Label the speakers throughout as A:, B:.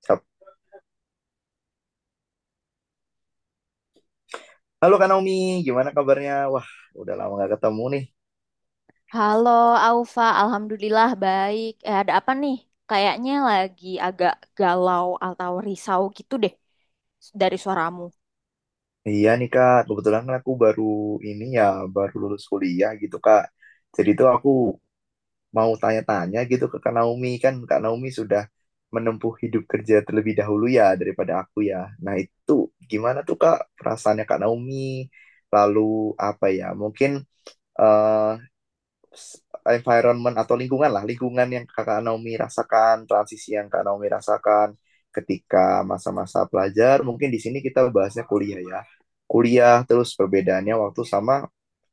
A: Kap- Halo Kak Naomi, gimana kabarnya? Wah, udah lama gak ketemu nih.
B: Halo Aufa, alhamdulillah baik. Eh, ada apa nih? Kayaknya lagi agak galau atau risau gitu deh dari suaramu.
A: Iya nih Kak, kebetulan kan aku baru ini ya, baru lulus kuliah gitu Kak. Jadi tuh aku mau tanya-tanya gitu ke Kak Naomi. Kan Kak Naomi sudah menempuh hidup kerja terlebih dahulu ya daripada aku ya. Nah itu gimana tuh Kak perasaannya Kak Naomi? Lalu apa ya, mungkin eh, environment atau lingkungan lah, lingkungan yang Kakak Naomi rasakan, transisi yang Kak Naomi rasakan ketika masa-masa pelajar. Mungkin di sini kita bahasnya kuliah ya. Kuliah terus perbedaannya waktu sama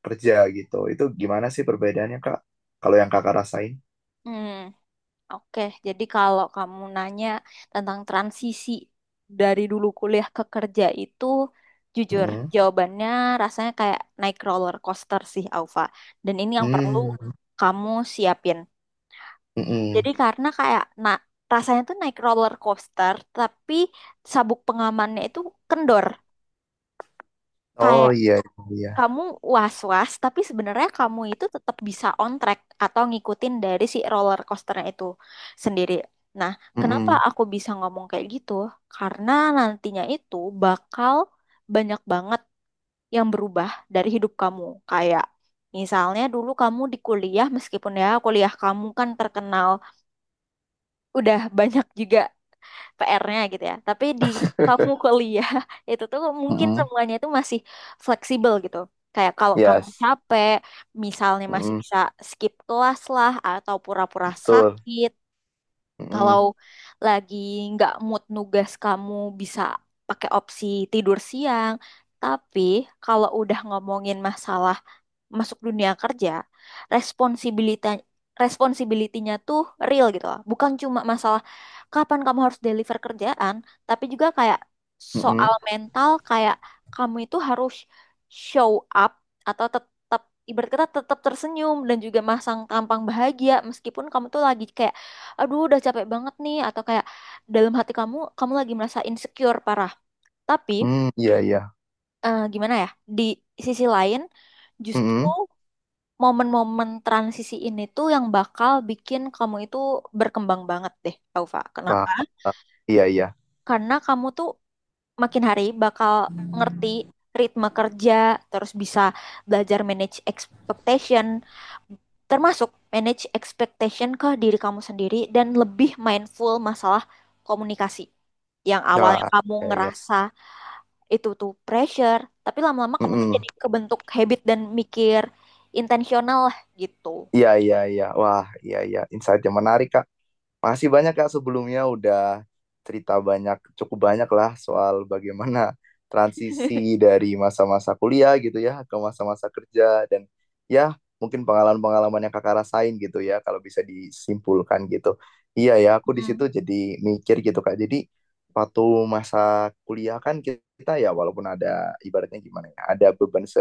A: kerja gitu. Itu gimana sih perbedaannya, Kak? Kalau yang Kakak rasain?
B: Hmm, oke. Jadi kalau kamu nanya tentang transisi dari dulu kuliah ke kerja itu, jujur
A: Hmm.
B: jawabannya rasanya kayak naik roller coaster sih, Aufa. Dan ini yang perlu
A: Hmm.
B: kamu siapin. Jadi
A: Mm-mm.
B: karena kayak nah, rasanya tuh naik roller coaster, tapi sabuk pengamannya itu kendor.
A: Oh,
B: Kayak
A: iya, iya.
B: kamu was-was, tapi sebenarnya kamu itu tetap bisa on track atau ngikutin dari si roller coasternya itu sendiri. Nah, kenapa
A: Mm-mm.
B: aku bisa ngomong kayak gitu? Karena nantinya itu bakal banyak banget yang berubah dari hidup kamu. Kayak misalnya dulu kamu di kuliah, meskipun ya kuliah kamu kan terkenal udah banyak juga PR-nya gitu ya. Tapi di kamu kuliah itu tuh mungkin
A: Mm-mm.
B: semuanya itu masih fleksibel gitu. Kayak kalau kamu
A: Yes.
B: capek, misalnya masih
A: Mm-mm.
B: bisa skip kelas lah atau pura-pura
A: Betul.
B: sakit. Kalau
A: Mm-mm.
B: lagi nggak mood nugas, kamu bisa pakai opsi tidur siang. Tapi kalau udah ngomongin masalah masuk dunia kerja, responsibilita responsibility-nya tuh real gitu loh. Bukan cuma masalah kapan kamu harus deliver kerjaan, tapi juga kayak
A: Mm-mm.
B: soal mental, kayak kamu itu harus show up atau tetap, ibarat kata, tetap tersenyum dan juga masang tampang bahagia meskipun kamu tuh lagi kayak aduh udah capek banget nih atau kayak dalam hati kamu, kamu lagi merasa insecure parah. Tapi
A: Mm, iya, iya.
B: gimana ya? Di sisi lain justru
A: Mm-mm.
B: momen-momen transisi ini tuh yang bakal bikin kamu itu berkembang banget deh, Taufa.
A: Wah.
B: Kenapa?
A: Iya, iya.
B: Karena kamu tuh makin hari bakal ngerti ritme kerja, terus bisa belajar manage expectation, termasuk manage expectation ke diri kamu sendiri dan lebih mindful masalah komunikasi. Yang awalnya
A: Wah,
B: kamu
A: iya, iya.
B: ngerasa itu tuh pressure, tapi lama-lama kamu tuh
A: Mm-mm.
B: jadi kebentuk habit dan mikir intensional lah gitu.
A: Iya, iya, iya. Wah, iya, iya. Insight yang menarik, Kak. Masih banyak Kak sebelumnya udah cerita banyak, cukup banyak lah soal bagaimana transisi dari masa-masa kuliah gitu ya ke masa-masa kerja dan ya mungkin pengalaman-pengalaman yang Kakak rasain gitu ya kalau bisa disimpulkan gitu. Iya ya, aku di situ
B: Mm.
A: jadi mikir gitu Kak. Jadi waktu masa kuliah kan kita ya walaupun ada ibaratnya gimana ya, ada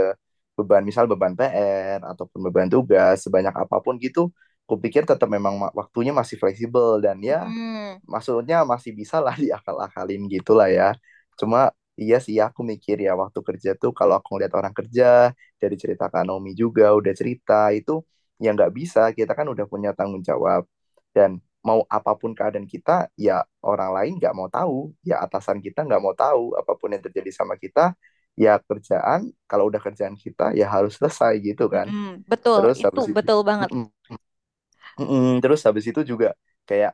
A: beban misal beban PR ataupun beban tugas sebanyak apapun gitu kupikir tetap memang waktunya masih fleksibel dan ya
B: Mm,
A: maksudnya masih bisa lah diakal-akalin gitu lah ya. Cuma iya sih aku mikir ya waktu kerja tuh kalau aku ngeliat orang kerja dari cerita Kak Naomi juga udah cerita itu ya nggak bisa, kita kan udah punya tanggung jawab dan mau apapun keadaan kita ya orang lain nggak mau tahu ya atasan kita nggak mau tahu apapun yang terjadi sama kita ya kerjaan kalau udah kerjaan kita ya harus selesai gitu kan.
B: mm, betul,
A: Terus
B: itu
A: habis itu,
B: betul banget.
A: mm-mm, terus habis itu juga kayak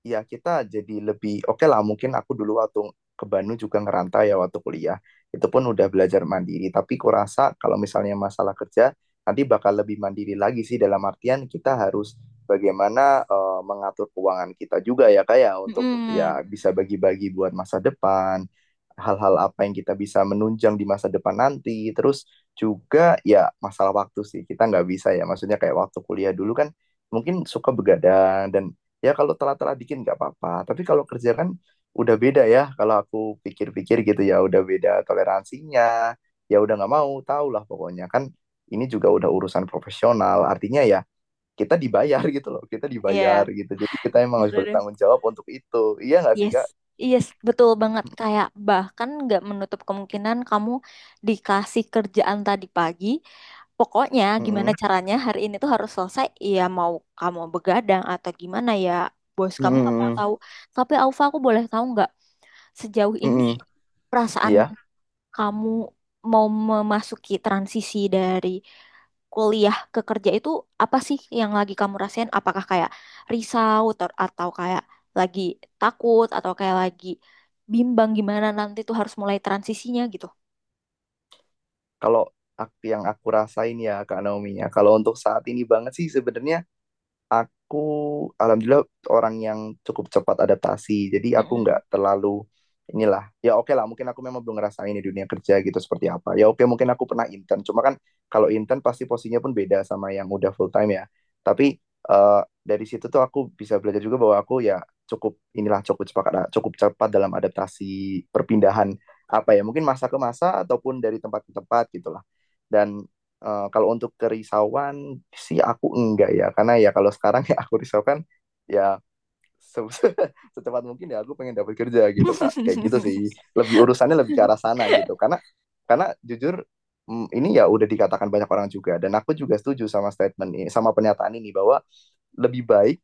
A: ya kita jadi lebih oke lah mungkin aku dulu waktu ke Bandung juga ngerantau ya waktu kuliah itu pun udah belajar mandiri tapi kurasa kalau misalnya masalah kerja nanti bakal lebih mandiri lagi sih dalam artian kita harus bagaimana mengatur keuangan kita juga ya kayak untuk
B: Mm,
A: ya bisa bagi-bagi buat masa depan hal-hal apa yang kita bisa menunjang di masa depan nanti terus juga ya masalah waktu sih kita nggak bisa ya maksudnya kayak waktu kuliah dulu kan mungkin suka begadang dan ya kalau telat-telat dikit nggak apa-apa tapi kalau kerja kan udah beda ya kalau aku pikir-pikir gitu ya udah beda toleransinya ya udah nggak mau tau lah pokoknya kan ini juga udah urusan profesional artinya ya kita dibayar gitu loh kita dibayar
B: iya,
A: gitu jadi kita emang harus
B: itu deh.
A: bertanggung jawab untuk itu, iya nggak sih
B: Yes,
A: kak?
B: yes, betul banget. Kayak bahkan nggak menutup kemungkinan kamu dikasih kerjaan tadi pagi. Pokoknya gimana
A: Mm-mm.
B: caranya hari ini tuh harus selesai. Iya, mau kamu begadang atau gimana ya, bos kamu nggak mau
A: Mm-mm.
B: tahu. Tapi Alfa, aku boleh tahu nggak sejauh ini
A: Mm-mm.
B: perasaan
A: Iya
B: kamu mau memasuki transisi dari kuliah ke kerja itu, apa sih yang lagi kamu rasain? Apakah kayak atau kayak lagi takut atau kayak lagi bimbang gimana nanti tuh harus mulai transisinya gitu?
A: kalau yang aku rasain ya kak Naomi, ya kalau untuk saat ini banget sih sebenarnya. Aku alhamdulillah orang yang cukup cepat adaptasi. Jadi aku
B: Mm-mm.
A: nggak terlalu inilah. Ya oke lah, mungkin aku memang belum ngerasain di dunia kerja gitu seperti apa. Ya oke, mungkin aku pernah intern. Cuma kan kalau intern pasti posisinya pun beda sama yang udah full time ya. Tapi dari situ tuh aku bisa belajar juga bahwa aku ya cukup inilah, cukup cepat dalam adaptasi perpindahan apa ya mungkin masa ke masa ataupun dari tempat ke tempat gitulah. Dan kalau untuk kerisauan sih aku enggak ya, karena ya kalau sekarang ya aku risaukan ya se- secepat mungkin ya aku pengen dapat kerja gitu kak, kayak gitu sih. Lebih urusannya lebih ke arah sana gitu, karena jujur ini ya udah dikatakan banyak orang juga dan aku juga setuju sama statement ini, sama pernyataan ini bahwa lebih baik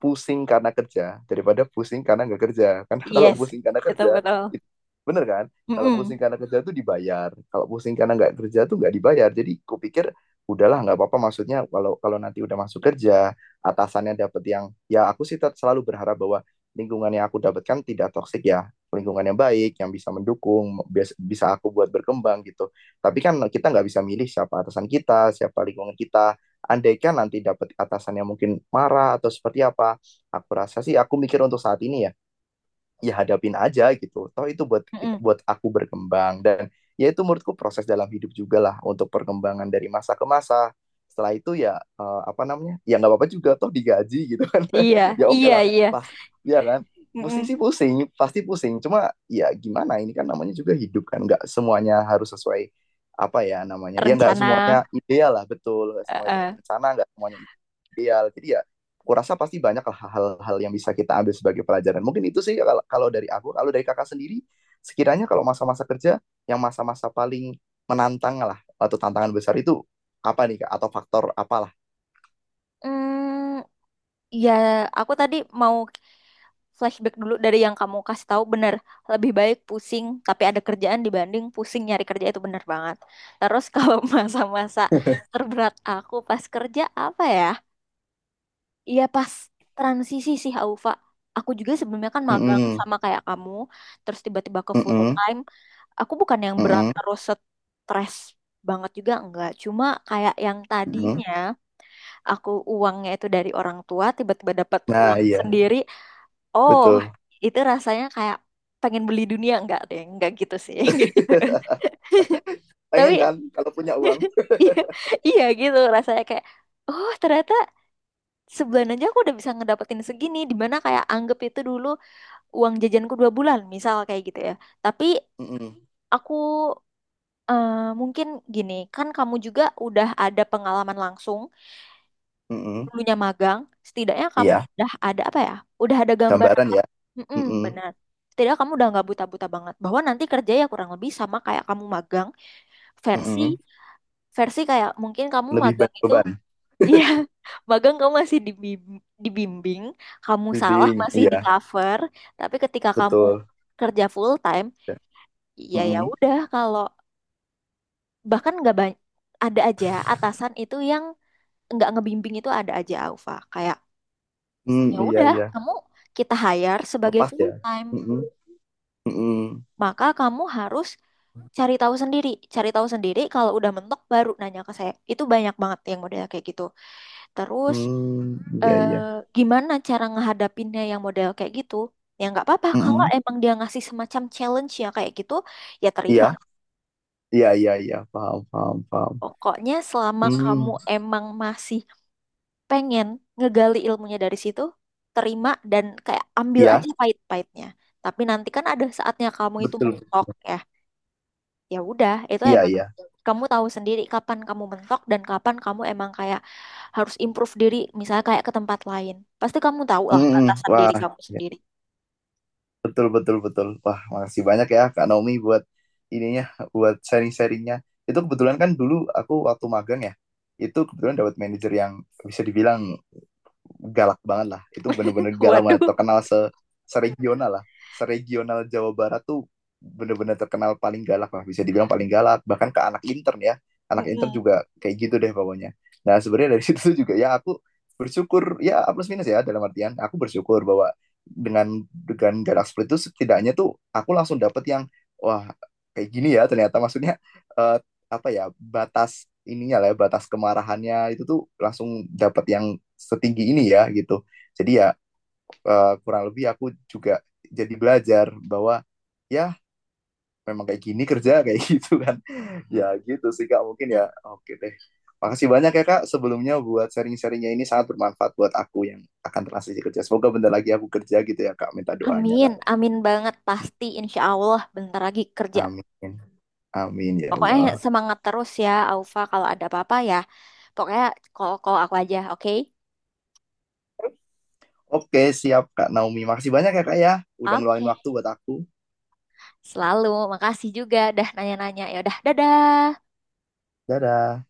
A: pusing karena kerja daripada pusing karena nggak kerja. Karena kalau
B: Yes,
A: pusing karena
B: itu
A: kerja,
B: betul.
A: itu, bener kan? Kalau pusing
B: Mm-mm.
A: karena kerja tuh dibayar. Kalau pusing karena nggak kerja tuh nggak dibayar. Jadi kupikir udahlah nggak apa-apa. Maksudnya kalau kalau nanti udah masuk kerja, atasannya dapet yang ya aku sih selalu berharap bahwa lingkungan yang aku dapatkan tidak toksik, ya lingkungan yang baik yang bisa mendukung, bisa aku buat berkembang gitu, tapi kan kita nggak bisa milih siapa atasan kita siapa lingkungan kita. Andaikan nanti dapat atasan yang mungkin marah atau seperti apa, aku rasa sih aku mikir untuk saat ini ya, ya hadapin aja gitu. Toh itu buat kita,
B: Mm-mm.
A: buat aku berkembang dan ya itu menurutku proses dalam hidup juga lah untuk perkembangan dari masa ke masa. Setelah itu ya apa namanya? Ya nggak apa-apa juga toh digaji gitu kan.
B: Iya,
A: Ya oke
B: iya,
A: lah.
B: iya.
A: Pas ya kan. Pusing
B: Mm-mm.
A: sih pusing, pasti pusing. Cuma ya gimana ini kan namanya juga hidup kan nggak semuanya harus sesuai apa ya namanya. Ya nggak
B: Rencana.
A: semuanya ideal lah betul. Nggak
B: eh,
A: semuanya
B: eh.
A: terencana, nggak semuanya ideal. Jadi ya kurasa pasti banyak hal-hal yang bisa kita ambil sebagai pelajaran. Mungkin itu sih kalau dari aku, kalau dari kakak sendiri, sekiranya kalau masa-masa kerja yang masa-masa paling menantang lah atau tantangan besar itu apa nih kak? Atau faktor apalah?
B: Mm, ya, aku tadi mau flashback dulu dari yang kamu kasih tahu, bener, lebih baik pusing tapi ada kerjaan dibanding pusing nyari kerja, itu bener banget. Terus kalau masa-masa terberat aku pas kerja apa ya, iya pas transisi sih, Aufa. Aku juga sebelumnya kan magang
A: Mm-mm,
B: sama kayak kamu, terus tiba-tiba ke full
A: mm-mm,
B: time. Aku bukan yang berat
A: mm-mm,
B: terus stres banget juga, enggak, cuma kayak yang
A: mm-mm.
B: tadinya aku uangnya itu dari orang tua, tiba-tiba dapat
A: Nah
B: uang
A: iya
B: sendiri. Oh,
A: betul.
B: itu rasanya kayak pengen beli dunia. Enggak deh, enggak gitu sih. Nggak gitu. Tapi
A: Pengen kan kalau punya uang?
B: iya, iya gitu rasanya kayak oh, ternyata sebulan aja aku udah bisa ngedapetin segini, dimana kayak anggap itu dulu uang jajanku dua bulan misal kayak gitu ya. Tapi
A: Mm-mm,
B: aku eh, mungkin gini, kan kamu juga udah ada pengalaman langsung
A: mm-mm.
B: dulunya magang, setidaknya kamu
A: Iya,
B: udah ada apa ya? Udah ada gambaran.
A: gambaran ya.
B: Mm-mm,
A: Mm-mm,
B: benar. Setidaknya kamu udah nggak buta-buta banget. Bahwa nanti kerja ya kurang lebih sama kayak kamu magang, versi
A: mm-mm.
B: versi kayak mungkin kamu
A: Lebih
B: magang
A: banyak
B: itu
A: beban,
B: iya, magang kamu masih dibimbing, kamu salah
A: bimbing.
B: masih
A: Iya
B: di cover, tapi ketika kamu
A: betul.
B: kerja full time,
A: Ya.
B: ya ya
A: Mm-mm.
B: udah, kalau bahkan nggak banyak, ada aja atasan itu yang nggak ngebimbing, itu ada aja Aufa, kayak
A: Mm,
B: ya
A: iya,
B: udah
A: iya,
B: kamu, kita hire sebagai
A: lepas
B: full
A: ya.
B: time
A: Mm-mm. Mm-mm.
B: maka kamu harus cari tahu sendiri, cari tahu sendiri kalau udah mentok baru nanya ke saya, itu banyak banget yang model kayak gitu. Terus
A: Hmm, iya,
B: eh,
A: iya.
B: gimana cara ngehadapinnya yang model kayak gitu, ya nggak apa-apa kalau
A: Mm-mm.
B: emang dia ngasih semacam challenge ya kayak gitu, ya terima.
A: Iya, iya, iya, iya, paham, paham, paham.
B: Pokoknya selama kamu
A: Hmm,
B: emang masih pengen ngegali ilmunya dari situ, terima dan kayak ambil
A: iya,
B: aja pahit-pahitnya. Tapi nanti kan ada saatnya kamu itu
A: betul.
B: mentok ya. Ya udah, itu
A: Iya,
B: emang
A: iya.
B: kamu tahu sendiri kapan kamu mentok dan kapan kamu emang kayak harus improve diri, misalnya kayak ke tempat lain. Pasti kamu tahu lah
A: Mm-mm.
B: batasan diri
A: Wah,
B: kamu
A: iya.
B: sendiri.
A: Betul, betul, betul. Wah, makasih banyak ya Kak Naomi buat ininya, buat sharing-sharingnya. Itu kebetulan kan dulu aku waktu magang ya, itu kebetulan dapat manajer yang bisa dibilang galak banget lah, itu bener-bener galak banget,
B: Waduh.
A: terkenal se regional lah, seregional Jawa Barat tuh, bener-bener terkenal paling galak lah, bisa dibilang paling galak bahkan ke anak intern ya, anak intern
B: Mm-mm.
A: juga kayak gitu deh pokoknya. Nah sebenarnya dari situ juga ya aku bersyukur ya, A plus minus ya, dalam artian aku bersyukur bahwa dengan galak seperti itu setidaknya tuh aku langsung dapet yang wah, kayak gini ya ternyata, maksudnya eh, apa ya, batas ininya lah ya, batas kemarahannya itu tuh langsung dapat yang setinggi ini ya gitu. Jadi ya kurang lebih aku juga jadi belajar bahwa ya memang kayak gini kerja kayak gitu kan. Ya gitu sih kak, mungkin ya
B: Mm.
A: oke deh, makasih banyak ya kak sebelumnya buat sharing-sharingnya, ini sangat bermanfaat buat aku yang akan transisi kerja, semoga bentar lagi aku kerja gitu ya kak, minta doanya
B: Amin,
A: kak.
B: amin banget, pasti insya Allah bentar lagi kerja.
A: Amin, amin ya
B: Pokoknya
A: Allah.
B: semangat terus ya, Aufa. Kalau ada apa-apa ya, pokoknya call-call aku aja, oke?
A: Oke siap kak Naomi, makasih banyak ya kak ya udah ngeluangin
B: Oke,
A: waktu buat aku.
B: selalu. Makasih juga. Dah nanya-nanya. Ya udah, dadah.
A: Dadah.